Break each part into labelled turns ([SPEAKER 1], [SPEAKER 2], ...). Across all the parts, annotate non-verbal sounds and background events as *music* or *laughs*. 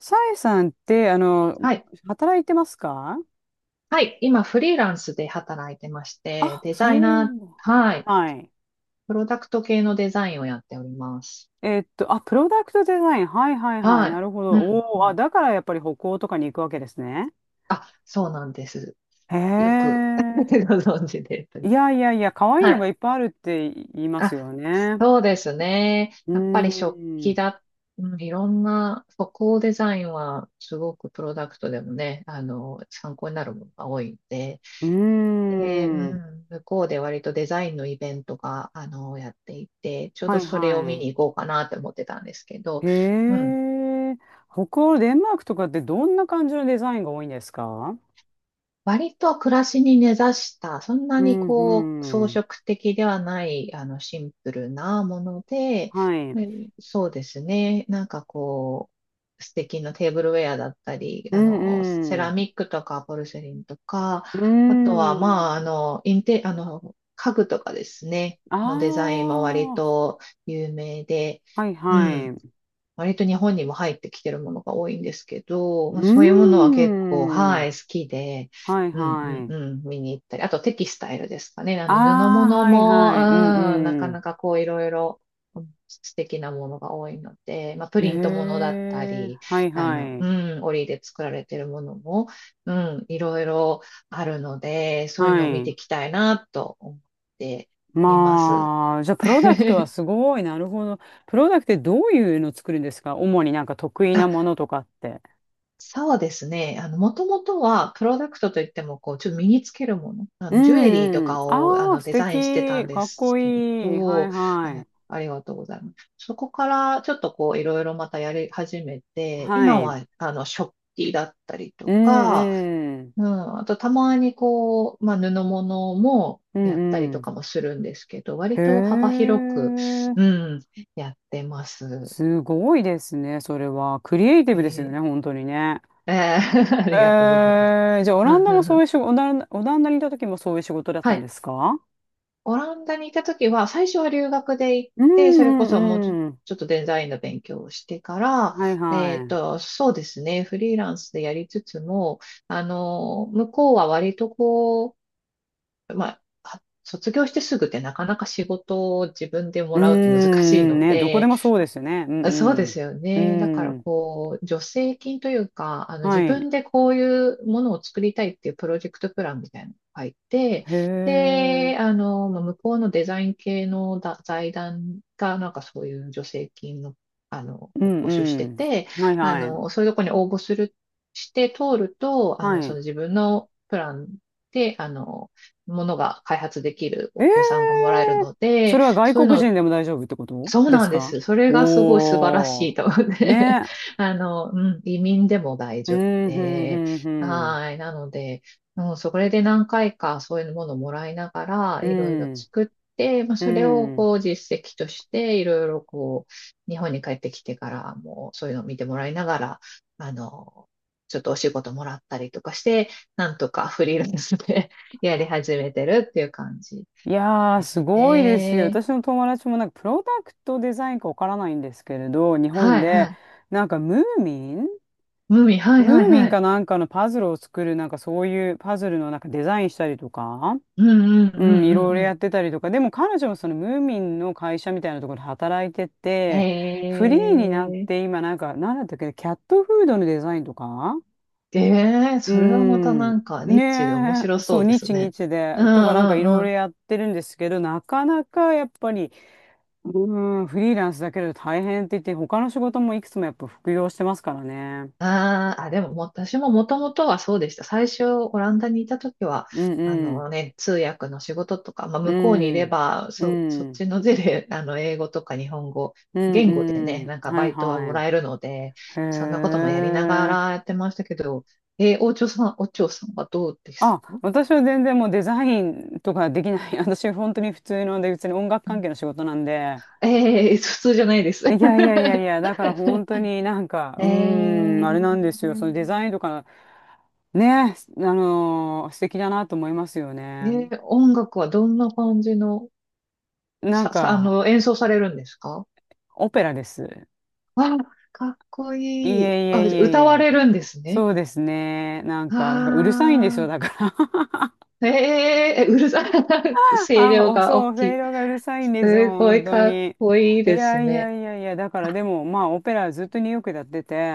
[SPEAKER 1] さえさんって、
[SPEAKER 2] はい。
[SPEAKER 1] 働いてますか？
[SPEAKER 2] はい。今、フリーランスで働いてまして、
[SPEAKER 1] あ、
[SPEAKER 2] デ
[SPEAKER 1] そ
[SPEAKER 2] ザイナ
[SPEAKER 1] う。
[SPEAKER 2] ー、はい。
[SPEAKER 1] はい。
[SPEAKER 2] プロダクト系のデザインをやっております。
[SPEAKER 1] あ、プロダクトデザイン。はいはいはい。な
[SPEAKER 2] は
[SPEAKER 1] るほ
[SPEAKER 2] い。
[SPEAKER 1] ど。
[SPEAKER 2] うん、
[SPEAKER 1] お
[SPEAKER 2] う
[SPEAKER 1] お、あ、
[SPEAKER 2] ん。
[SPEAKER 1] だからやっぱり北欧とかに行くわけですね。
[SPEAKER 2] あ、そうなんです。
[SPEAKER 1] へ
[SPEAKER 2] よく
[SPEAKER 1] え。
[SPEAKER 2] *laughs* ご存知でとい
[SPEAKER 1] い
[SPEAKER 2] う。
[SPEAKER 1] やいやいや、可愛い
[SPEAKER 2] は
[SPEAKER 1] のがいっ
[SPEAKER 2] い。
[SPEAKER 1] ぱいあるって言います
[SPEAKER 2] あ、
[SPEAKER 1] よね。
[SPEAKER 2] そうですね。
[SPEAKER 1] う
[SPEAKER 2] やっぱり食
[SPEAKER 1] ー
[SPEAKER 2] 器
[SPEAKER 1] ん。
[SPEAKER 2] だ、うん、いろんな、歩行デザインは、すごくプロダクトでもね、参考になるものが多いんで、
[SPEAKER 1] うー
[SPEAKER 2] で、
[SPEAKER 1] ん。
[SPEAKER 2] 向こうで割とデザインのイベントが、やっていて、ちょう
[SPEAKER 1] は
[SPEAKER 2] ど
[SPEAKER 1] い
[SPEAKER 2] それを見
[SPEAKER 1] は
[SPEAKER 2] に行こうかなって思ってたんですけど、
[SPEAKER 1] い。
[SPEAKER 2] う
[SPEAKER 1] へ
[SPEAKER 2] ん、
[SPEAKER 1] え。北欧、デンマークとかってどんな感じのデザインが多いんですか？
[SPEAKER 2] 割と暮らしに根ざした、そんな
[SPEAKER 1] う
[SPEAKER 2] に
[SPEAKER 1] ん
[SPEAKER 2] 装
[SPEAKER 1] うん。
[SPEAKER 2] 飾的ではない、シンプルなもので、
[SPEAKER 1] はい。
[SPEAKER 2] うんそうですね。なんか素敵なテーブルウェアだったり、
[SPEAKER 1] う
[SPEAKER 2] セラ
[SPEAKER 1] ん
[SPEAKER 2] ミックとかポルセリンとか、
[SPEAKER 1] うー
[SPEAKER 2] あとは、まあ、あ
[SPEAKER 1] ん。
[SPEAKER 2] の、インテ、あの、家具とかですね、
[SPEAKER 1] あ
[SPEAKER 2] のデザインも割
[SPEAKER 1] あ、
[SPEAKER 2] と有名で、
[SPEAKER 1] はい
[SPEAKER 2] う
[SPEAKER 1] はい。
[SPEAKER 2] ん。
[SPEAKER 1] う
[SPEAKER 2] 割と日本にも入ってきてるものが多いんですけど、
[SPEAKER 1] ー
[SPEAKER 2] まあ、そういうものは結構、
[SPEAKER 1] ん。
[SPEAKER 2] はい、好きで、
[SPEAKER 1] はい
[SPEAKER 2] うんう
[SPEAKER 1] は
[SPEAKER 2] ん
[SPEAKER 1] い。
[SPEAKER 2] うん、見に行ったり、あとテキスタイルですかね。布
[SPEAKER 1] ああ、
[SPEAKER 2] 物
[SPEAKER 1] はい
[SPEAKER 2] も、
[SPEAKER 1] はい。うん
[SPEAKER 2] なか
[SPEAKER 1] う
[SPEAKER 2] な
[SPEAKER 1] ん。
[SPEAKER 2] かいろいろうん素敵なものが多いので、まあ、プ
[SPEAKER 1] へ
[SPEAKER 2] リントものだった
[SPEAKER 1] え、
[SPEAKER 2] り、
[SPEAKER 1] はい
[SPEAKER 2] あの、
[SPEAKER 1] は
[SPEAKER 2] う
[SPEAKER 1] い。
[SPEAKER 2] 織で作られてるものも、うん、いろいろあるので、そういうの
[SPEAKER 1] は
[SPEAKER 2] を見て
[SPEAKER 1] い。
[SPEAKER 2] いきたいなと思っています。
[SPEAKER 1] まあ、じゃあ、プロダク
[SPEAKER 2] *laughs*
[SPEAKER 1] トはすごい。なるほど。プロダクトってどういうの作るんですか？主になんか得意なものとかって。
[SPEAKER 2] そうですね。もともとは、プロダクトといっても、ちょっと身につけるもの、
[SPEAKER 1] う
[SPEAKER 2] ジュエリーと
[SPEAKER 1] んうん。
[SPEAKER 2] かを、
[SPEAKER 1] ああ、素
[SPEAKER 2] デザインしてた
[SPEAKER 1] 敵。
[SPEAKER 2] んで
[SPEAKER 1] かっ
[SPEAKER 2] す
[SPEAKER 1] こ
[SPEAKER 2] けれ
[SPEAKER 1] いい。は
[SPEAKER 2] ど、
[SPEAKER 1] いは
[SPEAKER 2] あ
[SPEAKER 1] い。
[SPEAKER 2] ありがとうございます。そこから、ちょっといろいろまたやり始めて、
[SPEAKER 1] は
[SPEAKER 2] 今
[SPEAKER 1] い。
[SPEAKER 2] は、食器だったり
[SPEAKER 1] う
[SPEAKER 2] とか、
[SPEAKER 1] んうん。
[SPEAKER 2] うん、あと、たまにまあ、布物も
[SPEAKER 1] う
[SPEAKER 2] やったり
[SPEAKER 1] んう
[SPEAKER 2] と
[SPEAKER 1] ん。
[SPEAKER 2] かもするんですけど、
[SPEAKER 1] へ
[SPEAKER 2] 割と幅広く、
[SPEAKER 1] え、
[SPEAKER 2] うん、やってます。
[SPEAKER 1] すごいですね、それは。クリエイティ
[SPEAKER 2] え
[SPEAKER 1] ブですよね、
[SPEAKER 2] ー
[SPEAKER 1] 本当にね。
[SPEAKER 2] *laughs* ありがとう
[SPEAKER 1] え
[SPEAKER 2] ございます。
[SPEAKER 1] じゃあ、オ
[SPEAKER 2] う
[SPEAKER 1] ラン
[SPEAKER 2] ん
[SPEAKER 1] ダも
[SPEAKER 2] うんう
[SPEAKER 1] そうい
[SPEAKER 2] ん、
[SPEAKER 1] う仕事、オランダ、オランダにいた時もそういう仕事だっ
[SPEAKER 2] は
[SPEAKER 1] たんで
[SPEAKER 2] い。
[SPEAKER 1] すか？
[SPEAKER 2] オランダにいた時は、最初は留学で行っ
[SPEAKER 1] う
[SPEAKER 2] て、
[SPEAKER 1] ん
[SPEAKER 2] そ
[SPEAKER 1] う
[SPEAKER 2] れこそもうちょ
[SPEAKER 1] んうん。
[SPEAKER 2] ちょっとデザインの勉強をしてから、
[SPEAKER 1] はいはい。
[SPEAKER 2] そうですね、フリーランスでやりつつも、向こうは割とまあ、卒業してすぐってなかなか仕事を自分でも
[SPEAKER 1] う
[SPEAKER 2] らうと難しい
[SPEAKER 1] んん
[SPEAKER 2] の
[SPEAKER 1] ね、どこで
[SPEAKER 2] で、
[SPEAKER 1] もそうですよね。う
[SPEAKER 2] そうで
[SPEAKER 1] ん
[SPEAKER 2] すよ
[SPEAKER 1] う
[SPEAKER 2] ね。だか
[SPEAKER 1] ん。
[SPEAKER 2] ら
[SPEAKER 1] うん。
[SPEAKER 2] 助成金というか、
[SPEAKER 1] は
[SPEAKER 2] 自
[SPEAKER 1] い。
[SPEAKER 2] 分でこういうものを作りたいっていうプロジェクトプランみたいなのを入って、
[SPEAKER 1] へえ。
[SPEAKER 2] で、まあ向こうのデザイン系の財団がなんかそういう助成金の、あの、
[SPEAKER 1] う
[SPEAKER 2] 募集して
[SPEAKER 1] ん
[SPEAKER 2] て、
[SPEAKER 1] うん。はいはい。
[SPEAKER 2] そういうとこに応募して通ると、
[SPEAKER 1] は
[SPEAKER 2] そ
[SPEAKER 1] い。
[SPEAKER 2] の自分のプランで、ものが開発できる
[SPEAKER 1] え
[SPEAKER 2] 予算がも
[SPEAKER 1] え、
[SPEAKER 2] らえるの
[SPEAKER 1] そ
[SPEAKER 2] で、
[SPEAKER 1] れは外
[SPEAKER 2] そういう
[SPEAKER 1] 国
[SPEAKER 2] のを
[SPEAKER 1] 人でも大丈夫ってこと
[SPEAKER 2] そう
[SPEAKER 1] で
[SPEAKER 2] な
[SPEAKER 1] す
[SPEAKER 2] んで
[SPEAKER 1] か？
[SPEAKER 2] す。それがすごい素晴ら
[SPEAKER 1] お
[SPEAKER 2] し
[SPEAKER 1] ー。
[SPEAKER 2] いと思って。
[SPEAKER 1] ね。
[SPEAKER 2] *laughs* あの、う移民でも大
[SPEAKER 1] う
[SPEAKER 2] 丈夫
[SPEAKER 1] ん、ふん、ふ
[SPEAKER 2] で。
[SPEAKER 1] ん、ふん。
[SPEAKER 2] はい。なので、うん、それで何回かそういうものをもらいながら、
[SPEAKER 1] う
[SPEAKER 2] いろいろ
[SPEAKER 1] ん、
[SPEAKER 2] 作って、まあ、
[SPEAKER 1] う
[SPEAKER 2] それを
[SPEAKER 1] ん。
[SPEAKER 2] 実績として、いろいろ日本に帰ってきてからもそういうのを見てもらいながら、あの、ちょっとお仕事もらったりとかして、なんとかフリーランスで *laughs* やり始めてるっていう感じ
[SPEAKER 1] いやー、
[SPEAKER 2] で
[SPEAKER 1] す
[SPEAKER 2] す
[SPEAKER 1] ごいですよ。
[SPEAKER 2] ね。
[SPEAKER 1] 私の友達もなんか、プロダクトデザインかわからないんですけれど、日本
[SPEAKER 2] はい、は
[SPEAKER 1] で、
[SPEAKER 2] い。
[SPEAKER 1] なんか、ムーミン
[SPEAKER 2] はい
[SPEAKER 1] ム
[SPEAKER 2] はい
[SPEAKER 1] ーミ
[SPEAKER 2] は
[SPEAKER 1] ンか
[SPEAKER 2] い。
[SPEAKER 1] なんかのパズルを作る、なんかそういうパズルのなんかデザインしたりとか、
[SPEAKER 2] うんうんう
[SPEAKER 1] うん、いろ
[SPEAKER 2] ん
[SPEAKER 1] いろ
[SPEAKER 2] う
[SPEAKER 1] や
[SPEAKER 2] ん
[SPEAKER 1] ってたりとか、でも彼女もそのムーミンの会社みたいなところで働いて
[SPEAKER 2] うん。
[SPEAKER 1] て、フリーになっ
[SPEAKER 2] へえ。
[SPEAKER 1] て今なんか、なんだったっけ、キャットフードのデザインとか。
[SPEAKER 2] ええ、
[SPEAKER 1] うー
[SPEAKER 2] それはまたな
[SPEAKER 1] ん。
[SPEAKER 2] んか
[SPEAKER 1] ね
[SPEAKER 2] ニッチで面白
[SPEAKER 1] え、そ
[SPEAKER 2] そ
[SPEAKER 1] う、
[SPEAKER 2] うです
[SPEAKER 1] 日
[SPEAKER 2] ね。
[SPEAKER 1] 日で、
[SPEAKER 2] うんう
[SPEAKER 1] とかなんかいろ
[SPEAKER 2] ん
[SPEAKER 1] い
[SPEAKER 2] う
[SPEAKER 1] ろ
[SPEAKER 2] ん。
[SPEAKER 1] やってるんですけど、なかなかやっぱり、うーん、フリーランスだけど大変って言って、他の仕事もいくつもやっぱ副業してますからね。
[SPEAKER 2] あーあ、でももう私ももともとはそうでした。最初、オランダにいた時は、
[SPEAKER 1] うんうん、
[SPEAKER 2] 通訳の仕事とか、まあ、
[SPEAKER 1] う
[SPEAKER 2] 向こうにいれ
[SPEAKER 1] ん、
[SPEAKER 2] ば、
[SPEAKER 1] う
[SPEAKER 2] そ、そっ
[SPEAKER 1] ん、
[SPEAKER 2] ちの*laughs* 英語とか日本語、
[SPEAKER 1] う
[SPEAKER 2] 言語で
[SPEAKER 1] ん、う
[SPEAKER 2] ね、
[SPEAKER 1] ん、
[SPEAKER 2] なんか
[SPEAKER 1] は
[SPEAKER 2] バ
[SPEAKER 1] い
[SPEAKER 2] イトはも
[SPEAKER 1] はい。
[SPEAKER 2] らえるので、
[SPEAKER 1] へ
[SPEAKER 2] そんなこともやりなが
[SPEAKER 1] え。
[SPEAKER 2] らやってましたけど、お嬢さんはどうです
[SPEAKER 1] あ、
[SPEAKER 2] か？
[SPEAKER 1] 私は全然もうデザインとかできない。*laughs* 私本当に普通ので、別に音楽関係の仕事なんで、
[SPEAKER 2] ええ、普通じゃないです。
[SPEAKER 1] い
[SPEAKER 2] *laughs*
[SPEAKER 1] やいやいやいや、だから本当になんか、
[SPEAKER 2] え
[SPEAKER 1] う
[SPEAKER 2] ええ
[SPEAKER 1] ーん、あれなんですよ。そのデザインとか、ね、素敵だなと思いますよね。
[SPEAKER 2] 音楽はどんな感じの、
[SPEAKER 1] なんか、
[SPEAKER 2] 演奏されるんですか？
[SPEAKER 1] オペラです。
[SPEAKER 2] わあ、かっこ
[SPEAKER 1] いえい
[SPEAKER 2] いい。あ、じゃあ
[SPEAKER 1] えいえい
[SPEAKER 2] 歌わ
[SPEAKER 1] え。
[SPEAKER 2] れるんですね。
[SPEAKER 1] そうですね。なんかうるさいんです
[SPEAKER 2] あ
[SPEAKER 1] よ、
[SPEAKER 2] あ、
[SPEAKER 1] だから。
[SPEAKER 2] ええ、うるさい。*laughs*
[SPEAKER 1] *laughs*
[SPEAKER 2] 声
[SPEAKER 1] あ、
[SPEAKER 2] 量
[SPEAKER 1] お、
[SPEAKER 2] が
[SPEAKER 1] そう、
[SPEAKER 2] 大
[SPEAKER 1] ロ
[SPEAKER 2] きい。
[SPEAKER 1] ーがうるさいんですよ、
[SPEAKER 2] すごい
[SPEAKER 1] 本当
[SPEAKER 2] かっ
[SPEAKER 1] に。
[SPEAKER 2] こいい
[SPEAKER 1] い
[SPEAKER 2] で
[SPEAKER 1] や
[SPEAKER 2] す
[SPEAKER 1] い
[SPEAKER 2] ね。
[SPEAKER 1] やいやいや、だから
[SPEAKER 2] あ、
[SPEAKER 1] でも、まあ、オペラずっとニューヨークでやってて、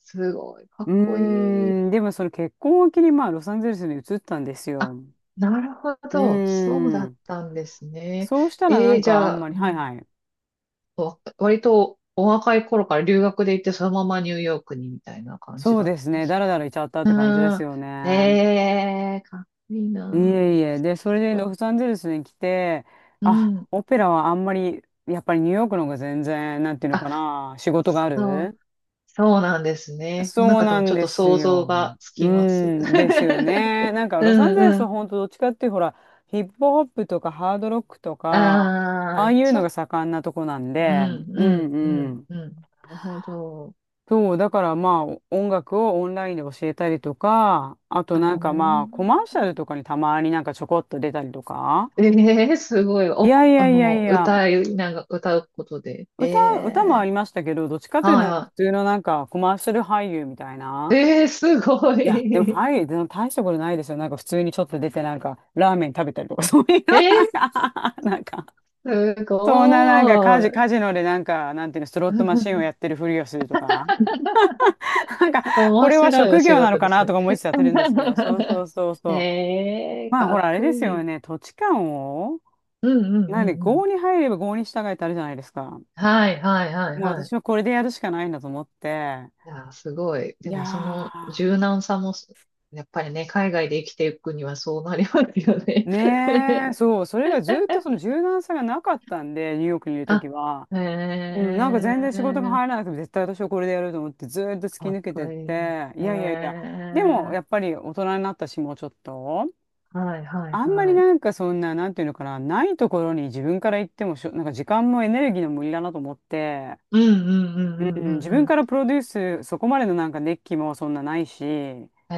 [SPEAKER 2] すごいかっ
[SPEAKER 1] う
[SPEAKER 2] こいい。
[SPEAKER 1] ーん、でもその結婚を機に、まあ、ロサンゼルスに移ったんです
[SPEAKER 2] あ、
[SPEAKER 1] よ。
[SPEAKER 2] なるほ
[SPEAKER 1] う
[SPEAKER 2] ど。そう
[SPEAKER 1] ー
[SPEAKER 2] だっ
[SPEAKER 1] ん。
[SPEAKER 2] たんですね。
[SPEAKER 1] そうしたらな
[SPEAKER 2] え
[SPEAKER 1] ん
[SPEAKER 2] え、じ
[SPEAKER 1] かあん
[SPEAKER 2] ゃあ、
[SPEAKER 1] まり、
[SPEAKER 2] う
[SPEAKER 1] はい
[SPEAKER 2] ん
[SPEAKER 1] はい。
[SPEAKER 2] わ割とお若い頃から留学で行ってそのままニューヨークにみたいな感じ
[SPEAKER 1] そう
[SPEAKER 2] だっ
[SPEAKER 1] です
[SPEAKER 2] たんで
[SPEAKER 1] ね。
[SPEAKER 2] す
[SPEAKER 1] だらだ
[SPEAKER 2] か？
[SPEAKER 1] らいちゃったっ
[SPEAKER 2] う
[SPEAKER 1] て感じで
[SPEAKER 2] ー
[SPEAKER 1] す
[SPEAKER 2] ん。
[SPEAKER 1] よ
[SPEAKER 2] え
[SPEAKER 1] ね。
[SPEAKER 2] えー、かっこいい
[SPEAKER 1] い
[SPEAKER 2] な
[SPEAKER 1] えいえ。
[SPEAKER 2] ぁ。
[SPEAKER 1] で、それ
[SPEAKER 2] す
[SPEAKER 1] で
[SPEAKER 2] ごい、
[SPEAKER 1] ロサンゼルスに来て、
[SPEAKER 2] う
[SPEAKER 1] あ、
[SPEAKER 2] ん。
[SPEAKER 1] オペラはあんまり、やっぱりニューヨークの方が全然、なんていうのか
[SPEAKER 2] あ、
[SPEAKER 1] な、仕事があ
[SPEAKER 2] そう、
[SPEAKER 1] る。
[SPEAKER 2] そうなんですね。もうなん
[SPEAKER 1] そう
[SPEAKER 2] かで
[SPEAKER 1] な
[SPEAKER 2] もち
[SPEAKER 1] ん
[SPEAKER 2] ょっ
[SPEAKER 1] で
[SPEAKER 2] と
[SPEAKER 1] す
[SPEAKER 2] 想
[SPEAKER 1] よ。
[SPEAKER 2] 像がつ
[SPEAKER 1] う
[SPEAKER 2] きます。
[SPEAKER 1] ん、ですよ
[SPEAKER 2] *laughs*
[SPEAKER 1] ね。なんかロサン
[SPEAKER 2] うん
[SPEAKER 1] ゼル
[SPEAKER 2] う
[SPEAKER 1] スは
[SPEAKER 2] ん。
[SPEAKER 1] 本当どっちかっていうとほら、ヒップホップとかハードロックとか、あ
[SPEAKER 2] あ
[SPEAKER 1] あ
[SPEAKER 2] あ、
[SPEAKER 1] いう
[SPEAKER 2] ちょ
[SPEAKER 1] の
[SPEAKER 2] っ
[SPEAKER 1] が
[SPEAKER 2] と、
[SPEAKER 1] 盛んなとこなん
[SPEAKER 2] うん
[SPEAKER 1] で、う
[SPEAKER 2] うんうん
[SPEAKER 1] ん
[SPEAKER 2] うん。なるほど。
[SPEAKER 1] そう、だからまあ音楽をオンラインで教えたりとか、あと
[SPEAKER 2] あれ
[SPEAKER 1] なんかま
[SPEAKER 2] ね。
[SPEAKER 1] あコマーシャルとかにたまになんかちょこっと出たりとか。
[SPEAKER 2] ええ、すごい。
[SPEAKER 1] い
[SPEAKER 2] お、
[SPEAKER 1] やいやいやいや、
[SPEAKER 2] 歌いなが、歌うことで。え
[SPEAKER 1] 歌、歌もあ
[SPEAKER 2] え、
[SPEAKER 1] りましたけど、どっちかというと
[SPEAKER 2] はい
[SPEAKER 1] なんか普
[SPEAKER 2] は
[SPEAKER 1] 通のなんかコマーシャル俳優みたい
[SPEAKER 2] い。
[SPEAKER 1] な。
[SPEAKER 2] ええ、すご
[SPEAKER 1] いや、でも
[SPEAKER 2] い。*laughs*
[SPEAKER 1] 俳優でも大したことないですよ。なんか普通にちょっと出てなんかラーメン食べたりとか、*laughs* そういうの
[SPEAKER 2] え
[SPEAKER 1] なん
[SPEAKER 2] え、
[SPEAKER 1] か、*laughs* なんか
[SPEAKER 2] すご
[SPEAKER 1] そんななんかカジ、
[SPEAKER 2] い。
[SPEAKER 1] カジノでなんか、なんていうの、スロットマシンをやってるふりをするとか。
[SPEAKER 2] *laughs*
[SPEAKER 1] *laughs* なんか、こ
[SPEAKER 2] 面
[SPEAKER 1] れは
[SPEAKER 2] 白いお
[SPEAKER 1] 職
[SPEAKER 2] 仕
[SPEAKER 1] 業なの
[SPEAKER 2] 事
[SPEAKER 1] か
[SPEAKER 2] です
[SPEAKER 1] なと
[SPEAKER 2] ね。
[SPEAKER 1] か思いつつやってるんですけど、そうそ
[SPEAKER 2] *laughs*
[SPEAKER 1] うそうそう。
[SPEAKER 2] ええ、
[SPEAKER 1] まあ、
[SPEAKER 2] か
[SPEAKER 1] ほ
[SPEAKER 2] っ
[SPEAKER 1] ら、あれ
[SPEAKER 2] こ
[SPEAKER 1] です
[SPEAKER 2] い
[SPEAKER 1] よ
[SPEAKER 2] い。
[SPEAKER 1] ね。土地勘を、
[SPEAKER 2] うんうんう
[SPEAKER 1] なんで、
[SPEAKER 2] んうん。
[SPEAKER 1] 郷に入れば郷に従えってあるじゃないですか。
[SPEAKER 2] はいはいはい
[SPEAKER 1] もう
[SPEAKER 2] は
[SPEAKER 1] 私
[SPEAKER 2] い。
[SPEAKER 1] はこれでやるしかないんだと思って。
[SPEAKER 2] いやー、すごい。
[SPEAKER 1] い
[SPEAKER 2] でもそ
[SPEAKER 1] や
[SPEAKER 2] の柔軟さもやっぱりね、海外で生きていくにはそうなりますよね。
[SPEAKER 1] ー、ねえ、
[SPEAKER 2] *laughs*
[SPEAKER 1] そう、それがずっとその柔軟さがなかったんで、ニューヨークにいるとき
[SPEAKER 2] あ、
[SPEAKER 1] は。
[SPEAKER 2] へ
[SPEAKER 1] うん、なんか全然仕事が
[SPEAKER 2] え、
[SPEAKER 1] 入らなくても絶対私はこれでやると思ってずーっと突き
[SPEAKER 2] かっ
[SPEAKER 1] 抜け
[SPEAKER 2] こ
[SPEAKER 1] てっ
[SPEAKER 2] いい。
[SPEAKER 1] て、い
[SPEAKER 2] へ
[SPEAKER 1] やいやいや、
[SPEAKER 2] え、
[SPEAKER 1] でもやっぱり大人になったし、もうちょっと。
[SPEAKER 2] はいはい
[SPEAKER 1] あんまり
[SPEAKER 2] はい。
[SPEAKER 1] なんかそんな、なんていうのかな、ないところに自分から行ってもしょ、なんか時間もエネルギーの無理だなと思って、
[SPEAKER 2] うんうんうん
[SPEAKER 1] う
[SPEAKER 2] う
[SPEAKER 1] ん、自
[SPEAKER 2] んう
[SPEAKER 1] 分
[SPEAKER 2] ん
[SPEAKER 1] か
[SPEAKER 2] う
[SPEAKER 1] らプロデュース、そこまでのなんか熱気もそんなないし、
[SPEAKER 2] ん。へ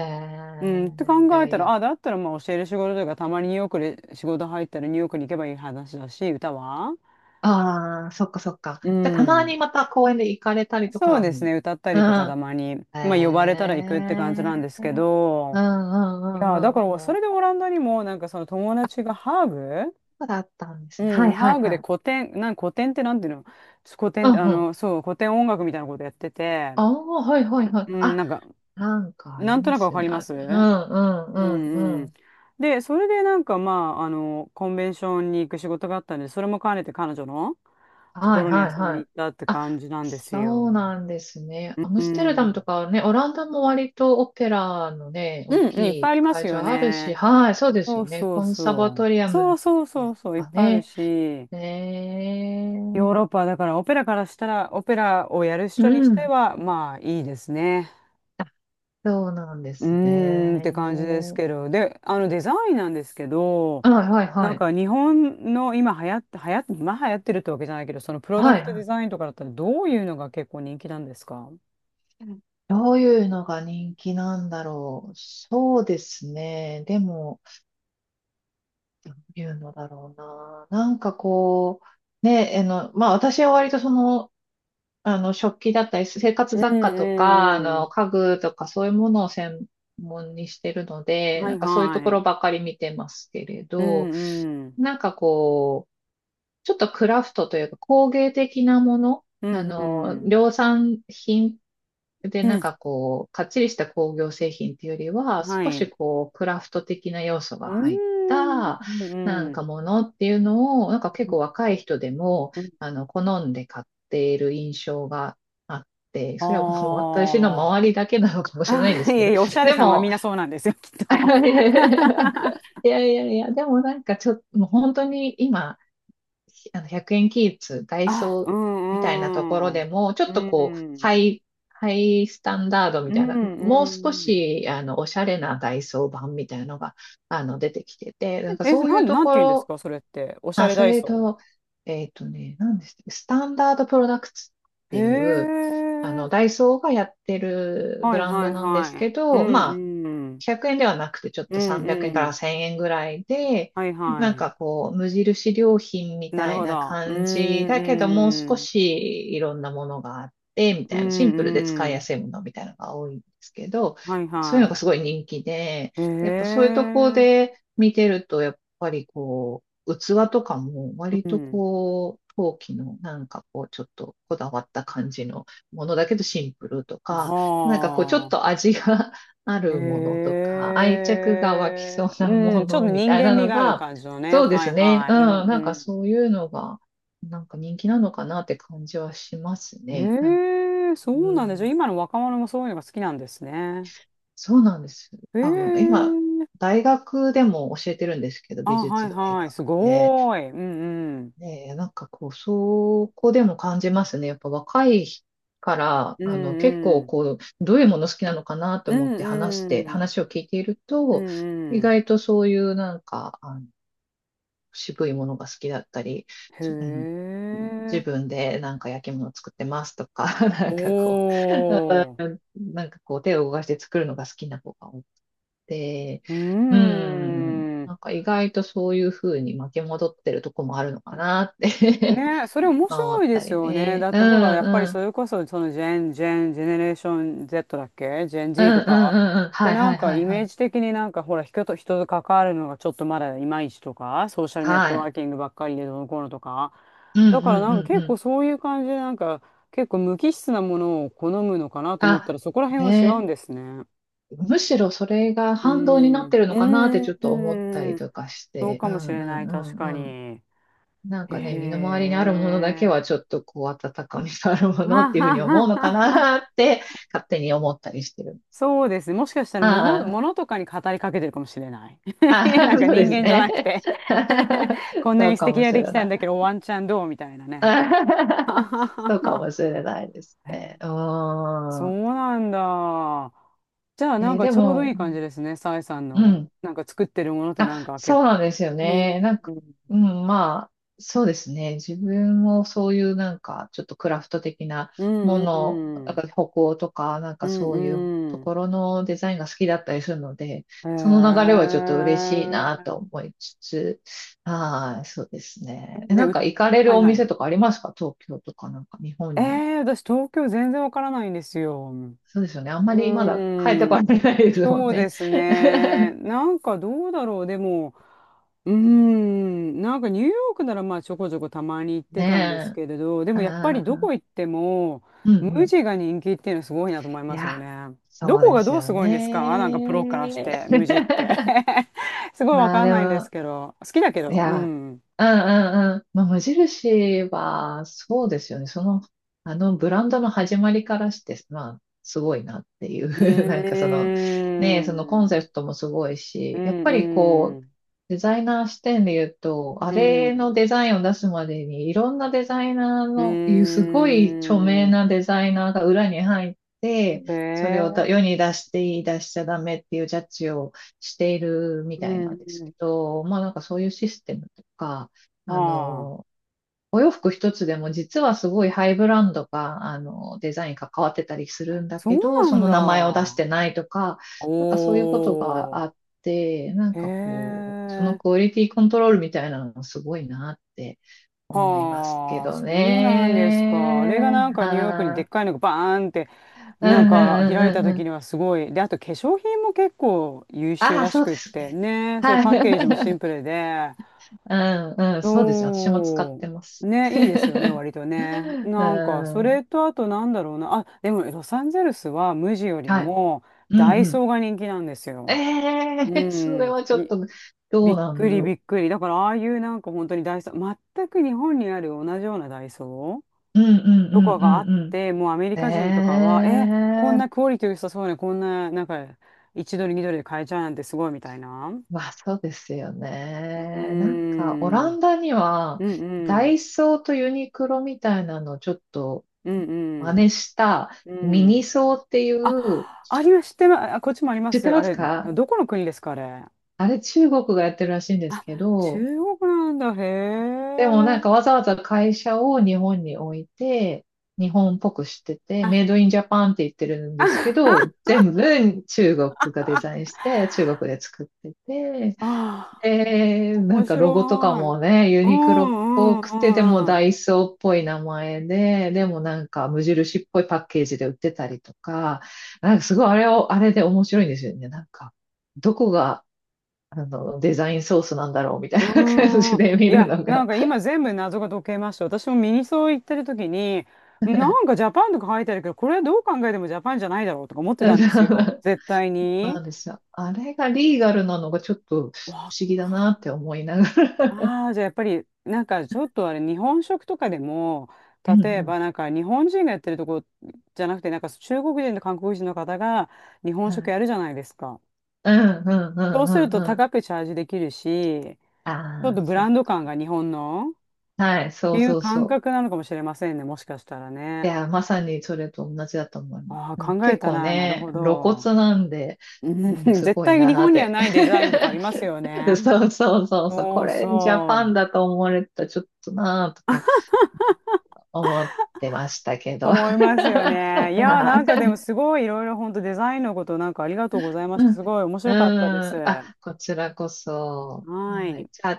[SPEAKER 1] うん、って考
[SPEAKER 2] え、いや
[SPEAKER 1] え
[SPEAKER 2] い
[SPEAKER 1] たら、
[SPEAKER 2] や。
[SPEAKER 1] あ、だったらまあ教える仕事とか、たまにニューヨークで仕事入ったらニューヨークに行けばいい話だし、歌は。
[SPEAKER 2] ああ、そっかそっか。
[SPEAKER 1] う
[SPEAKER 2] じゃあ、たま
[SPEAKER 1] ん。
[SPEAKER 2] にまた公園で行かれたりと
[SPEAKER 1] そう
[SPEAKER 2] か
[SPEAKER 1] です
[SPEAKER 2] も。
[SPEAKER 1] ね、歌った
[SPEAKER 2] う
[SPEAKER 1] りとか
[SPEAKER 2] ん。
[SPEAKER 1] たまに、
[SPEAKER 2] へ
[SPEAKER 1] まあ呼ばれたら行くって感じ
[SPEAKER 2] え、
[SPEAKER 1] なんですけ
[SPEAKER 2] うんう
[SPEAKER 1] ど、い
[SPEAKER 2] んう
[SPEAKER 1] や、
[SPEAKER 2] ん
[SPEAKER 1] だ
[SPEAKER 2] う
[SPEAKER 1] か
[SPEAKER 2] ん。
[SPEAKER 1] らそ
[SPEAKER 2] そ
[SPEAKER 1] れでオランダにもなんかその友達がハーブ
[SPEAKER 2] うだったんですね。
[SPEAKER 1] う
[SPEAKER 2] はい
[SPEAKER 1] ん、
[SPEAKER 2] はい
[SPEAKER 1] ハーグ
[SPEAKER 2] は
[SPEAKER 1] で
[SPEAKER 2] い。
[SPEAKER 1] 古典、なん古典ってなんていうの、古
[SPEAKER 2] うん
[SPEAKER 1] 典、
[SPEAKER 2] うん。
[SPEAKER 1] そう、古典音楽みたいなことやってて、
[SPEAKER 2] ああ、はいはいはい。
[SPEAKER 1] うん、
[SPEAKER 2] あ、
[SPEAKER 1] なんか、
[SPEAKER 2] なんかあ
[SPEAKER 1] な
[SPEAKER 2] り
[SPEAKER 1] んと
[SPEAKER 2] ま
[SPEAKER 1] なくわ
[SPEAKER 2] すよ
[SPEAKER 1] か
[SPEAKER 2] ね。
[SPEAKER 1] りま
[SPEAKER 2] あ、
[SPEAKER 1] すう
[SPEAKER 2] う
[SPEAKER 1] ん
[SPEAKER 2] んう
[SPEAKER 1] う
[SPEAKER 2] んうんう
[SPEAKER 1] ん。
[SPEAKER 2] ん。
[SPEAKER 1] で、それでなんかまあ、コンベンションに行く仕事があったんで、それも兼ねて彼女のと
[SPEAKER 2] は
[SPEAKER 1] こ
[SPEAKER 2] い
[SPEAKER 1] ろに
[SPEAKER 2] は
[SPEAKER 1] 遊
[SPEAKER 2] い
[SPEAKER 1] びに
[SPEAKER 2] はい。
[SPEAKER 1] 行ったって
[SPEAKER 2] あ、
[SPEAKER 1] 感じなんです
[SPEAKER 2] そう
[SPEAKER 1] よ。
[SPEAKER 2] なんですね。
[SPEAKER 1] うん。
[SPEAKER 2] アム
[SPEAKER 1] う
[SPEAKER 2] ステルダムと
[SPEAKER 1] ん、
[SPEAKER 2] かはね、オランダも割とオペラのね、大
[SPEAKER 1] う
[SPEAKER 2] き
[SPEAKER 1] んいっぱい
[SPEAKER 2] い
[SPEAKER 1] あります
[SPEAKER 2] 会
[SPEAKER 1] よ
[SPEAKER 2] 場あるし、
[SPEAKER 1] ね。
[SPEAKER 2] はい、そうです
[SPEAKER 1] そ
[SPEAKER 2] よ
[SPEAKER 1] う
[SPEAKER 2] ね。
[SPEAKER 1] そう
[SPEAKER 2] コンサバ
[SPEAKER 1] そ
[SPEAKER 2] トリ
[SPEAKER 1] う。
[SPEAKER 2] ア
[SPEAKER 1] そう
[SPEAKER 2] ム
[SPEAKER 1] そう
[SPEAKER 2] で
[SPEAKER 1] そう
[SPEAKER 2] す
[SPEAKER 1] そう、いっ
[SPEAKER 2] か
[SPEAKER 1] ぱいある
[SPEAKER 2] ね。
[SPEAKER 1] し、ヨー
[SPEAKER 2] ね
[SPEAKER 1] ロッパだからオペラからしたら、オペラをやる
[SPEAKER 2] え、う
[SPEAKER 1] 人にして
[SPEAKER 2] ん、
[SPEAKER 1] は、まあいいですね。
[SPEAKER 2] そうなんで
[SPEAKER 1] う
[SPEAKER 2] す
[SPEAKER 1] ーんって
[SPEAKER 2] ね。
[SPEAKER 1] 感じですけど、で、あのデザインなんですけど、
[SPEAKER 2] はいはい
[SPEAKER 1] な
[SPEAKER 2] は
[SPEAKER 1] ん
[SPEAKER 2] い。
[SPEAKER 1] か日本の今流行ってるってわけじゃないけど、そのプロダ
[SPEAKER 2] は
[SPEAKER 1] ク
[SPEAKER 2] い
[SPEAKER 1] ト
[SPEAKER 2] は
[SPEAKER 1] デザ
[SPEAKER 2] い。
[SPEAKER 1] インとかだったらどういうのが結構人気なんですか？
[SPEAKER 2] どういうのが人気なんだろう。そうですね。でも、どういうのだろうな。なんかこう、ね、まあ私は割とその、食器だったり、生活
[SPEAKER 1] うん
[SPEAKER 2] 雑貨とか、
[SPEAKER 1] うんう
[SPEAKER 2] 家具とかそういうものを専門にしてるの
[SPEAKER 1] ん。
[SPEAKER 2] で、
[SPEAKER 1] は
[SPEAKER 2] なん
[SPEAKER 1] い
[SPEAKER 2] かそういうと
[SPEAKER 1] は
[SPEAKER 2] ころ
[SPEAKER 1] い。
[SPEAKER 2] ばかり見てますけれ
[SPEAKER 1] う
[SPEAKER 2] ど、
[SPEAKER 1] んうん。
[SPEAKER 2] なんかこう、ちょっとクラフトというか工芸的なもの、
[SPEAKER 1] うんうん。
[SPEAKER 2] 量産品で
[SPEAKER 1] う
[SPEAKER 2] なん
[SPEAKER 1] ん。
[SPEAKER 2] かこう、かっちりした工業製品っていうよりは、
[SPEAKER 1] は
[SPEAKER 2] 少
[SPEAKER 1] い。
[SPEAKER 2] し
[SPEAKER 1] う
[SPEAKER 2] こう、クラフト的な要素
[SPEAKER 1] ー
[SPEAKER 2] が入っ
[SPEAKER 1] ん。
[SPEAKER 2] た、
[SPEAKER 1] うん
[SPEAKER 2] な
[SPEAKER 1] う
[SPEAKER 2] ん
[SPEAKER 1] ん。
[SPEAKER 2] かものっていうのを、なんか結構若い人でも、
[SPEAKER 1] うん
[SPEAKER 2] 好んで買っている印象があって、それはもう
[SPEAKER 1] あ
[SPEAKER 2] 私の
[SPEAKER 1] ー
[SPEAKER 2] 周りだけなのかもしれない
[SPEAKER 1] あ。
[SPEAKER 2] んで
[SPEAKER 1] い
[SPEAKER 2] すけ
[SPEAKER 1] え
[SPEAKER 2] ど、
[SPEAKER 1] いえ、おしゃれ
[SPEAKER 2] で
[SPEAKER 1] さんは
[SPEAKER 2] も、
[SPEAKER 1] みんなそうなんですよ、きっ
[SPEAKER 2] *laughs*
[SPEAKER 1] と。
[SPEAKER 2] い
[SPEAKER 1] *laughs*
[SPEAKER 2] やいやいや、でもなんかちょっと、もう本当に今、100円均一、ダイ
[SPEAKER 1] あ、
[SPEAKER 2] ソー
[SPEAKER 1] う
[SPEAKER 2] みたいなところ
[SPEAKER 1] んうん。
[SPEAKER 2] でも、ちょ
[SPEAKER 1] う
[SPEAKER 2] っとこう、
[SPEAKER 1] ん。
[SPEAKER 2] ハイスタンダードみ
[SPEAKER 1] う
[SPEAKER 2] たいな、もう少
[SPEAKER 1] んうん。
[SPEAKER 2] し、おしゃれなダイソー版みたいなのが、出てきてて、なんか
[SPEAKER 1] え、
[SPEAKER 2] そうい
[SPEAKER 1] な
[SPEAKER 2] う
[SPEAKER 1] ん、
[SPEAKER 2] と
[SPEAKER 1] なん
[SPEAKER 2] こ
[SPEAKER 1] て言うんです
[SPEAKER 2] ろ、
[SPEAKER 1] か、それって。おしゃ
[SPEAKER 2] あ、
[SPEAKER 1] れ
[SPEAKER 2] そ
[SPEAKER 1] ダイ
[SPEAKER 2] れ
[SPEAKER 1] ソ
[SPEAKER 2] と、何でしたっけスタンダードプロダクツっ
[SPEAKER 1] ー。
[SPEAKER 2] ていう、
[SPEAKER 1] へえ。
[SPEAKER 2] ダイソーがやってる
[SPEAKER 1] は
[SPEAKER 2] ブ
[SPEAKER 1] い
[SPEAKER 2] ラン
[SPEAKER 1] は
[SPEAKER 2] ド
[SPEAKER 1] い
[SPEAKER 2] なんで
[SPEAKER 1] は
[SPEAKER 2] す
[SPEAKER 1] い。
[SPEAKER 2] け
[SPEAKER 1] うん
[SPEAKER 2] ど、まあ、
[SPEAKER 1] うん。
[SPEAKER 2] 100円ではなくて、ちょっ
[SPEAKER 1] う
[SPEAKER 2] と
[SPEAKER 1] ん
[SPEAKER 2] 300円
[SPEAKER 1] う
[SPEAKER 2] から
[SPEAKER 1] ん。
[SPEAKER 2] 1000円ぐらいで、
[SPEAKER 1] はいは
[SPEAKER 2] なん
[SPEAKER 1] い。
[SPEAKER 2] かこう、無印良品み
[SPEAKER 1] なる
[SPEAKER 2] たい
[SPEAKER 1] ほ
[SPEAKER 2] な
[SPEAKER 1] ど。う
[SPEAKER 2] 感じ
[SPEAKER 1] ん
[SPEAKER 2] だけど、もう
[SPEAKER 1] う
[SPEAKER 2] 少
[SPEAKER 1] ん。
[SPEAKER 2] しいろんなものがあって、み
[SPEAKER 1] う
[SPEAKER 2] たいな、シンプルで
[SPEAKER 1] ん
[SPEAKER 2] 使
[SPEAKER 1] う
[SPEAKER 2] いや
[SPEAKER 1] ん。
[SPEAKER 2] すいものみたいなのが多いんですけど、
[SPEAKER 1] はい
[SPEAKER 2] そういうのが
[SPEAKER 1] は
[SPEAKER 2] すごい人気で、
[SPEAKER 1] い。へ
[SPEAKER 2] やっぱそういうとこ
[SPEAKER 1] え。
[SPEAKER 2] で見てると、やっぱりこう、器とかも割
[SPEAKER 1] う
[SPEAKER 2] と
[SPEAKER 1] ん。
[SPEAKER 2] こう、陶器のなんかこう、ちょっとこだわった感じのものだけどシンプルとか、なんかこう、ちょ
[SPEAKER 1] は
[SPEAKER 2] っと
[SPEAKER 1] あ。
[SPEAKER 2] 味があ
[SPEAKER 1] へ
[SPEAKER 2] るものとか、愛着が湧きそう
[SPEAKER 1] え。
[SPEAKER 2] な
[SPEAKER 1] う
[SPEAKER 2] も
[SPEAKER 1] ん。ちょっ
[SPEAKER 2] の
[SPEAKER 1] と
[SPEAKER 2] み
[SPEAKER 1] 人
[SPEAKER 2] たい
[SPEAKER 1] 間
[SPEAKER 2] な
[SPEAKER 1] 味
[SPEAKER 2] の
[SPEAKER 1] がある
[SPEAKER 2] が、
[SPEAKER 1] 感じのね。
[SPEAKER 2] そうで
[SPEAKER 1] はい
[SPEAKER 2] すね。
[SPEAKER 1] は
[SPEAKER 2] うん。
[SPEAKER 1] い。うんう
[SPEAKER 2] なんか
[SPEAKER 1] ん。
[SPEAKER 2] そういうのが、なんか人気なのかなって感じはします
[SPEAKER 1] え
[SPEAKER 2] ね。なんか
[SPEAKER 1] えそ
[SPEAKER 2] う
[SPEAKER 1] うなんだ。すゃ
[SPEAKER 2] ん。
[SPEAKER 1] 今の若者もそういうのが好きなんですね。
[SPEAKER 2] そうなんです。
[SPEAKER 1] え
[SPEAKER 2] 多分、今、
[SPEAKER 1] え
[SPEAKER 2] 大学でも教えてるんですけど、
[SPEAKER 1] あ、
[SPEAKER 2] 美
[SPEAKER 1] は
[SPEAKER 2] 術
[SPEAKER 1] い
[SPEAKER 2] 大
[SPEAKER 1] はい。す
[SPEAKER 2] 学で。
[SPEAKER 1] ごーい。うんうん。
[SPEAKER 2] ねえ、なんかこう、そこでも感じますね。やっぱ若いから、
[SPEAKER 1] うん
[SPEAKER 2] 結
[SPEAKER 1] う
[SPEAKER 2] 構
[SPEAKER 1] ん。
[SPEAKER 2] こう、どういうもの好きなのかなと
[SPEAKER 1] う
[SPEAKER 2] 思って話し
[SPEAKER 1] ん
[SPEAKER 2] て、
[SPEAKER 1] うん。
[SPEAKER 2] 話を聞いている
[SPEAKER 1] う
[SPEAKER 2] と、
[SPEAKER 1] ん
[SPEAKER 2] 意
[SPEAKER 1] うん。
[SPEAKER 2] 外とそういうなんか、渋いものが好きだったり、
[SPEAKER 1] へ
[SPEAKER 2] そうん、自
[SPEAKER 1] え。
[SPEAKER 2] 分でなんか焼き物作ってますとか、*laughs* なんかこ
[SPEAKER 1] お
[SPEAKER 2] う、う
[SPEAKER 1] ー。
[SPEAKER 2] んなんかこう手を動かして作るのが好きな子が多くて、
[SPEAKER 1] うー
[SPEAKER 2] うん、
[SPEAKER 1] ん。
[SPEAKER 2] なんか意外とそういうふうに負け戻ってるとこもあるのかなって
[SPEAKER 1] ねえ、それ面
[SPEAKER 2] 回
[SPEAKER 1] 白
[SPEAKER 2] っ
[SPEAKER 1] いで
[SPEAKER 2] た
[SPEAKER 1] す
[SPEAKER 2] り
[SPEAKER 1] よね。
[SPEAKER 2] ね。
[SPEAKER 1] だっ
[SPEAKER 2] うん
[SPEAKER 1] てほら、やっぱりそ
[SPEAKER 2] うん。
[SPEAKER 1] れこそ、そのジェネレーション Z だっけジェン
[SPEAKER 2] うんうん
[SPEAKER 1] Z と
[SPEAKER 2] う
[SPEAKER 1] か。
[SPEAKER 2] んうん。
[SPEAKER 1] で、
[SPEAKER 2] はいはいはい
[SPEAKER 1] イ
[SPEAKER 2] は
[SPEAKER 1] メー
[SPEAKER 2] い。
[SPEAKER 1] ジ的にほら、人と人と関わるのがちょっとまだいまいちとか、ソーシャルネット
[SPEAKER 2] は
[SPEAKER 1] ワ
[SPEAKER 2] い。
[SPEAKER 1] ーキングばっかりでどうのこうのとか。
[SPEAKER 2] うん
[SPEAKER 1] だから
[SPEAKER 2] うんうんう
[SPEAKER 1] 結構
[SPEAKER 2] ん。
[SPEAKER 1] そういう感じで、結構無機質なものを好むのかなと思った
[SPEAKER 2] あ、
[SPEAKER 1] ら、そこら辺は違うん
[SPEAKER 2] ね。
[SPEAKER 1] ですね。
[SPEAKER 2] むしろそれが
[SPEAKER 1] う
[SPEAKER 2] 反動になって
[SPEAKER 1] ん。
[SPEAKER 2] るのかなってちょっと思ったり
[SPEAKER 1] うん。
[SPEAKER 2] とかし
[SPEAKER 1] そう
[SPEAKER 2] て。う
[SPEAKER 1] かもし
[SPEAKER 2] ん
[SPEAKER 1] れ
[SPEAKER 2] う
[SPEAKER 1] ない、確
[SPEAKER 2] んう
[SPEAKER 1] かに。
[SPEAKER 2] んうん。
[SPEAKER 1] へ
[SPEAKER 2] なんかね、身の回りにあるものだけは
[SPEAKER 1] え。
[SPEAKER 2] ちょっとこう温かみがある
[SPEAKER 1] *laughs*
[SPEAKER 2] も
[SPEAKER 1] あ
[SPEAKER 2] の
[SPEAKER 1] は
[SPEAKER 2] っていうふう
[SPEAKER 1] は
[SPEAKER 2] に思
[SPEAKER 1] は
[SPEAKER 2] うのか
[SPEAKER 1] は
[SPEAKER 2] なって勝手に思ったりしてる。
[SPEAKER 1] そうですね。もしかしたら
[SPEAKER 2] あ
[SPEAKER 1] 物とかに語りかけてるかもしれない。
[SPEAKER 2] あ、
[SPEAKER 1] *laughs*
[SPEAKER 2] あ
[SPEAKER 1] なん
[SPEAKER 2] あ、
[SPEAKER 1] か
[SPEAKER 2] そうで
[SPEAKER 1] 人
[SPEAKER 2] す
[SPEAKER 1] 間じゃなく
[SPEAKER 2] ね。
[SPEAKER 1] て *laughs* こ
[SPEAKER 2] *laughs*
[SPEAKER 1] んな
[SPEAKER 2] そ
[SPEAKER 1] に
[SPEAKER 2] う
[SPEAKER 1] 素
[SPEAKER 2] か
[SPEAKER 1] 敵
[SPEAKER 2] も
[SPEAKER 1] が
[SPEAKER 2] しれ
[SPEAKER 1] できたん
[SPEAKER 2] な
[SPEAKER 1] だけ
[SPEAKER 2] い。
[SPEAKER 1] ど、ワンチャンどうみたいなね。*laughs* はは
[SPEAKER 2] *laughs*
[SPEAKER 1] は
[SPEAKER 2] そうか
[SPEAKER 1] は
[SPEAKER 2] もしれないです
[SPEAKER 1] へ
[SPEAKER 2] ね。
[SPEAKER 1] え
[SPEAKER 2] う
[SPEAKER 1] そ
[SPEAKER 2] ーん。
[SPEAKER 1] うなんだ。じゃあ、な
[SPEAKER 2] え
[SPEAKER 1] ん
[SPEAKER 2] ー
[SPEAKER 1] か
[SPEAKER 2] で
[SPEAKER 1] ちょうどい
[SPEAKER 2] も、
[SPEAKER 1] い感じですね。サイさん
[SPEAKER 2] う
[SPEAKER 1] の、
[SPEAKER 2] ん。
[SPEAKER 1] なんか作ってるものとなん
[SPEAKER 2] あ、
[SPEAKER 1] か
[SPEAKER 2] そ
[SPEAKER 1] 結
[SPEAKER 2] うなんですよ
[SPEAKER 1] 構。う
[SPEAKER 2] ね。
[SPEAKER 1] ん、
[SPEAKER 2] なん
[SPEAKER 1] う
[SPEAKER 2] か、
[SPEAKER 1] ん、
[SPEAKER 2] うん、まあ、そうですね。自分もそういうなんか、ちょっとクラフト的な
[SPEAKER 1] う
[SPEAKER 2] も
[SPEAKER 1] ん、うん、
[SPEAKER 2] の、なん
[SPEAKER 1] うん。
[SPEAKER 2] か北欧とか、なん
[SPEAKER 1] う
[SPEAKER 2] かそういう
[SPEAKER 1] ん
[SPEAKER 2] と
[SPEAKER 1] うん
[SPEAKER 2] ころのデザインが好きだったりするので、その流
[SPEAKER 1] へ
[SPEAKER 2] れはちょっと嬉しいなと思いつつ、はい、そうですね。
[SPEAKER 1] え。
[SPEAKER 2] えなんか行かれ
[SPEAKER 1] は
[SPEAKER 2] る
[SPEAKER 1] い
[SPEAKER 2] お
[SPEAKER 1] は
[SPEAKER 2] 店
[SPEAKER 1] い。
[SPEAKER 2] とかありますか東京とかなんか日
[SPEAKER 1] え
[SPEAKER 2] 本に。
[SPEAKER 1] え、私東京全然わからないんですよ。う
[SPEAKER 2] そうですよね。あんまりまだ変えて
[SPEAKER 1] ー
[SPEAKER 2] こら
[SPEAKER 1] ん。
[SPEAKER 2] れないですも
[SPEAKER 1] そ
[SPEAKER 2] ん
[SPEAKER 1] うで
[SPEAKER 2] ね。
[SPEAKER 1] すね。
[SPEAKER 2] *laughs*
[SPEAKER 1] なんかどうだろう。でも、うーん。なんかニューヨークならまあちょこちょこたまに行ってたんです
[SPEAKER 2] ねえ。
[SPEAKER 1] けれど、でもやっぱ
[SPEAKER 2] あ
[SPEAKER 1] りど
[SPEAKER 2] ー
[SPEAKER 1] こ行っても、
[SPEAKER 2] うんう
[SPEAKER 1] 無
[SPEAKER 2] ん。
[SPEAKER 1] 地が人気っていうのはすごいなと思い
[SPEAKER 2] い
[SPEAKER 1] ますよ
[SPEAKER 2] や、
[SPEAKER 1] ね。ど
[SPEAKER 2] そう
[SPEAKER 1] こ
[SPEAKER 2] で
[SPEAKER 1] が
[SPEAKER 2] す
[SPEAKER 1] どう
[SPEAKER 2] よ
[SPEAKER 1] すごいんですか、なんかプロからし
[SPEAKER 2] ね。
[SPEAKER 1] て、無地って。
[SPEAKER 2] *laughs*
[SPEAKER 1] *laughs* すごいわ
[SPEAKER 2] まあ
[SPEAKER 1] かん
[SPEAKER 2] で
[SPEAKER 1] ないんです
[SPEAKER 2] も、
[SPEAKER 1] けど。好きだけ
[SPEAKER 2] い
[SPEAKER 1] ど。う
[SPEAKER 2] や、
[SPEAKER 1] ん。
[SPEAKER 2] うんうんうん。まあ、無印は、そうですよね。その、あのブランドの始まりからして、まあ、すごいなってい
[SPEAKER 1] う
[SPEAKER 2] う。*laughs* なんかその、ねえ、
[SPEAKER 1] ー
[SPEAKER 2] そのコン
[SPEAKER 1] ん。
[SPEAKER 2] セプトもすごい
[SPEAKER 1] う
[SPEAKER 2] し、やっ
[SPEAKER 1] ん
[SPEAKER 2] ぱり
[SPEAKER 1] う
[SPEAKER 2] こう、
[SPEAKER 1] ん。
[SPEAKER 2] デザイナー視点で言うと、あ
[SPEAKER 1] う
[SPEAKER 2] れの
[SPEAKER 1] ん。
[SPEAKER 2] デザインを出すまでに、いろんなデザイナー
[SPEAKER 1] う
[SPEAKER 2] の、いうすごい著名
[SPEAKER 1] ーん。
[SPEAKER 2] なデザイナーが裏に入っ
[SPEAKER 1] へ
[SPEAKER 2] て、それを
[SPEAKER 1] え。
[SPEAKER 2] だ世に出していい、出しちゃダメっていうジャッジを、しているみ
[SPEAKER 1] う
[SPEAKER 2] たい
[SPEAKER 1] ん。
[SPEAKER 2] なんです
[SPEAKER 1] う
[SPEAKER 2] け
[SPEAKER 1] ん
[SPEAKER 2] ど、まあなんかそういうシステムとか、
[SPEAKER 1] あ
[SPEAKER 2] あ
[SPEAKER 1] あ。
[SPEAKER 2] の、お洋服一つでも実はすごいハイブランドが、デザイン関わってたりするんだ
[SPEAKER 1] そ
[SPEAKER 2] け
[SPEAKER 1] う
[SPEAKER 2] ど、
[SPEAKER 1] な
[SPEAKER 2] そ
[SPEAKER 1] ん
[SPEAKER 2] の名前を出し
[SPEAKER 1] だ。
[SPEAKER 2] てないとか、
[SPEAKER 1] お
[SPEAKER 2] なんかそういうことが
[SPEAKER 1] ー。
[SPEAKER 2] あって、なん
[SPEAKER 1] へ
[SPEAKER 2] かこう、その
[SPEAKER 1] え。
[SPEAKER 2] クオリティコントロールみたいなのもすごいなって思いますけ
[SPEAKER 1] はあ。
[SPEAKER 2] ど
[SPEAKER 1] そうなんですか。あれが、
[SPEAKER 2] ね。
[SPEAKER 1] なんかニューヨークにでっ
[SPEAKER 2] ああ、
[SPEAKER 1] かいのがバーンって、
[SPEAKER 2] う
[SPEAKER 1] なん
[SPEAKER 2] んう
[SPEAKER 1] か
[SPEAKER 2] ん
[SPEAKER 1] 開いた
[SPEAKER 2] うんうんう
[SPEAKER 1] 時
[SPEAKER 2] ん。
[SPEAKER 1] にはすごい。で、あと化粧品も結構優秀
[SPEAKER 2] ああ、
[SPEAKER 1] らし
[SPEAKER 2] そうで
[SPEAKER 1] くっ
[SPEAKER 2] す
[SPEAKER 1] て
[SPEAKER 2] ね。
[SPEAKER 1] ね。そう、
[SPEAKER 2] はい。
[SPEAKER 1] パッケージもシンプ
[SPEAKER 2] *laughs*
[SPEAKER 1] ルで。
[SPEAKER 2] うん、うん、そうですね。私も使っ
[SPEAKER 1] おー。
[SPEAKER 2] てます。
[SPEAKER 1] ね、いいですよね、
[SPEAKER 2] *laughs*
[SPEAKER 1] 割とね。
[SPEAKER 2] う
[SPEAKER 1] なんか、そ
[SPEAKER 2] ん、
[SPEAKER 1] れとあとなんだろうな。あ、でも、ロサンゼルスは無地より
[SPEAKER 2] はい。
[SPEAKER 1] も
[SPEAKER 2] うん、
[SPEAKER 1] ダイ
[SPEAKER 2] うん。
[SPEAKER 1] ソーが人気なんです
[SPEAKER 2] え
[SPEAKER 1] よ。う
[SPEAKER 2] えそれ
[SPEAKER 1] ん。
[SPEAKER 2] はちょっ
[SPEAKER 1] に
[SPEAKER 2] と、
[SPEAKER 1] び
[SPEAKER 2] どう
[SPEAKER 1] っ
[SPEAKER 2] なん
[SPEAKER 1] く
[SPEAKER 2] だ
[SPEAKER 1] りび
[SPEAKER 2] ろ
[SPEAKER 1] っくり。だから、ああいう、なんか本当にダイソー、全く日本にある同じようなダイソー
[SPEAKER 2] う。うん、うん、
[SPEAKER 1] と
[SPEAKER 2] う
[SPEAKER 1] か
[SPEAKER 2] ん、
[SPEAKER 1] があ
[SPEAKER 2] う
[SPEAKER 1] っ
[SPEAKER 2] ん、うん。
[SPEAKER 1] て、もうアメリ
[SPEAKER 2] え
[SPEAKER 1] カ人とかは、え、こんな
[SPEAKER 2] え
[SPEAKER 1] クオリティ良さそうね、こんな、なんか、一ドル、二ドルで買えちゃうなんてすごいみたいな。
[SPEAKER 2] まあそうですよ
[SPEAKER 1] うー
[SPEAKER 2] ね。なんか、オ
[SPEAKER 1] ん。う
[SPEAKER 2] ラ
[SPEAKER 1] ん
[SPEAKER 2] ンダには、
[SPEAKER 1] う
[SPEAKER 2] ダ
[SPEAKER 1] ん。
[SPEAKER 2] イソーとユニクロみたいなのをちょっと
[SPEAKER 1] う
[SPEAKER 2] 真
[SPEAKER 1] ん
[SPEAKER 2] 似した
[SPEAKER 1] う
[SPEAKER 2] ミ
[SPEAKER 1] ん。う
[SPEAKER 2] ニ
[SPEAKER 1] ん。
[SPEAKER 2] ソーっていう、
[SPEAKER 1] あ、ありま、知ってま、あ、こっちもありま
[SPEAKER 2] 知っ
[SPEAKER 1] す。
[SPEAKER 2] て
[SPEAKER 1] あ
[SPEAKER 2] ます
[SPEAKER 1] れ、
[SPEAKER 2] か
[SPEAKER 1] どこの国ですか、あれ。
[SPEAKER 2] あれ中国がやってるらしいんです
[SPEAKER 1] あ、
[SPEAKER 2] け
[SPEAKER 1] 中
[SPEAKER 2] ど、
[SPEAKER 1] 国なんだ、へ
[SPEAKER 2] でもなん
[SPEAKER 1] え。
[SPEAKER 2] かわざわざ会社を日本に置いて、日本っぽくしてて、
[SPEAKER 1] あ、
[SPEAKER 2] メイドインジャパンって言ってるん
[SPEAKER 1] あ、
[SPEAKER 2] ですけど、
[SPEAKER 1] *laughs*
[SPEAKER 2] 全部中国がデザインして、中国で作ってて、
[SPEAKER 1] あ
[SPEAKER 2] で、
[SPEAKER 1] ー、
[SPEAKER 2] なん
[SPEAKER 1] 面
[SPEAKER 2] かロゴとか
[SPEAKER 1] 白い。
[SPEAKER 2] もね、ユ
[SPEAKER 1] う
[SPEAKER 2] ニクロっぽ
[SPEAKER 1] んうん
[SPEAKER 2] く
[SPEAKER 1] う
[SPEAKER 2] て、でも
[SPEAKER 1] んう
[SPEAKER 2] ダ
[SPEAKER 1] ん。
[SPEAKER 2] イソーっぽい名前で、でもなんか無印っぽいパッケージで売ってたりとか、なんかすごいあれを、あれで面白いんですよね。なんか、どこが、デザインソースなんだろうみたい
[SPEAKER 1] う
[SPEAKER 2] な感じ
[SPEAKER 1] ーん。
[SPEAKER 2] で見
[SPEAKER 1] い
[SPEAKER 2] る
[SPEAKER 1] や、
[SPEAKER 2] の
[SPEAKER 1] なん
[SPEAKER 2] が。
[SPEAKER 1] か今全部謎が解けました。私もミニソー行ってる時に、なんかジャパンとか入ってあるけど、これはどう考えてもジャパンじゃないだろうとか思ってたんですよ。
[SPEAKER 2] *laughs* そ
[SPEAKER 1] 絶対
[SPEAKER 2] う
[SPEAKER 1] に。
[SPEAKER 2] なんですよ。あれがリーガルなのがちょっと不思
[SPEAKER 1] わ
[SPEAKER 2] 議だなって思いながら。
[SPEAKER 1] ああ、じゃあやっぱり、なんかちょっとあれ、日本食とかでも、
[SPEAKER 2] うん
[SPEAKER 1] 例え
[SPEAKER 2] う
[SPEAKER 1] ばなんか日本人がやってるとこじゃなくて、なんか中国人と韓国人の方が日本
[SPEAKER 2] ん。は
[SPEAKER 1] 食
[SPEAKER 2] い。
[SPEAKER 1] やるじゃないですか。
[SPEAKER 2] うんうんう
[SPEAKER 1] そうする
[SPEAKER 2] んう
[SPEAKER 1] と
[SPEAKER 2] んうん。
[SPEAKER 1] 高くチャージできるし、ちょっ
[SPEAKER 2] ああ、
[SPEAKER 1] とブ
[SPEAKER 2] そ
[SPEAKER 1] ラ
[SPEAKER 2] う。
[SPEAKER 1] ンド感が日本のっ
[SPEAKER 2] はい、そ
[SPEAKER 1] て
[SPEAKER 2] う
[SPEAKER 1] いう
[SPEAKER 2] そう
[SPEAKER 1] 感
[SPEAKER 2] そう。
[SPEAKER 1] 覚なのかもしれませんね、もしかしたら
[SPEAKER 2] い
[SPEAKER 1] ね。
[SPEAKER 2] や、まさにそれと同じだと思います。
[SPEAKER 1] ああ、
[SPEAKER 2] うん
[SPEAKER 1] 考え
[SPEAKER 2] 結
[SPEAKER 1] た
[SPEAKER 2] 構
[SPEAKER 1] な、なる
[SPEAKER 2] ね、
[SPEAKER 1] ほ
[SPEAKER 2] 露骨
[SPEAKER 1] ど。
[SPEAKER 2] なんで、
[SPEAKER 1] うん
[SPEAKER 2] うん、
[SPEAKER 1] *laughs*
[SPEAKER 2] す
[SPEAKER 1] 絶
[SPEAKER 2] ごい
[SPEAKER 1] 対日
[SPEAKER 2] なー
[SPEAKER 1] 本
[SPEAKER 2] っ
[SPEAKER 1] には
[SPEAKER 2] て。
[SPEAKER 1] ないデザインとかありますよ
[SPEAKER 2] *laughs*
[SPEAKER 1] ね。
[SPEAKER 2] そうそうそうそう。
[SPEAKER 1] そ
[SPEAKER 2] こ
[SPEAKER 1] う
[SPEAKER 2] れジャパ
[SPEAKER 1] そ
[SPEAKER 2] ン
[SPEAKER 1] う。
[SPEAKER 2] だと思われたらちょっとなーとか思ってましたけど。*laughs*
[SPEAKER 1] 思いますよ
[SPEAKER 2] は
[SPEAKER 1] ね。いやー、なんかで
[SPEAKER 2] い
[SPEAKER 1] もすごいいろいろ本当デザインのことなんかありがとうございまし
[SPEAKER 2] う
[SPEAKER 1] た。
[SPEAKER 2] ん。
[SPEAKER 1] すごい面白かったで
[SPEAKER 2] う
[SPEAKER 1] す。
[SPEAKER 2] ん。
[SPEAKER 1] は
[SPEAKER 2] あ、こちらこそ。は
[SPEAKER 1] い。
[SPEAKER 2] い。じゃあ、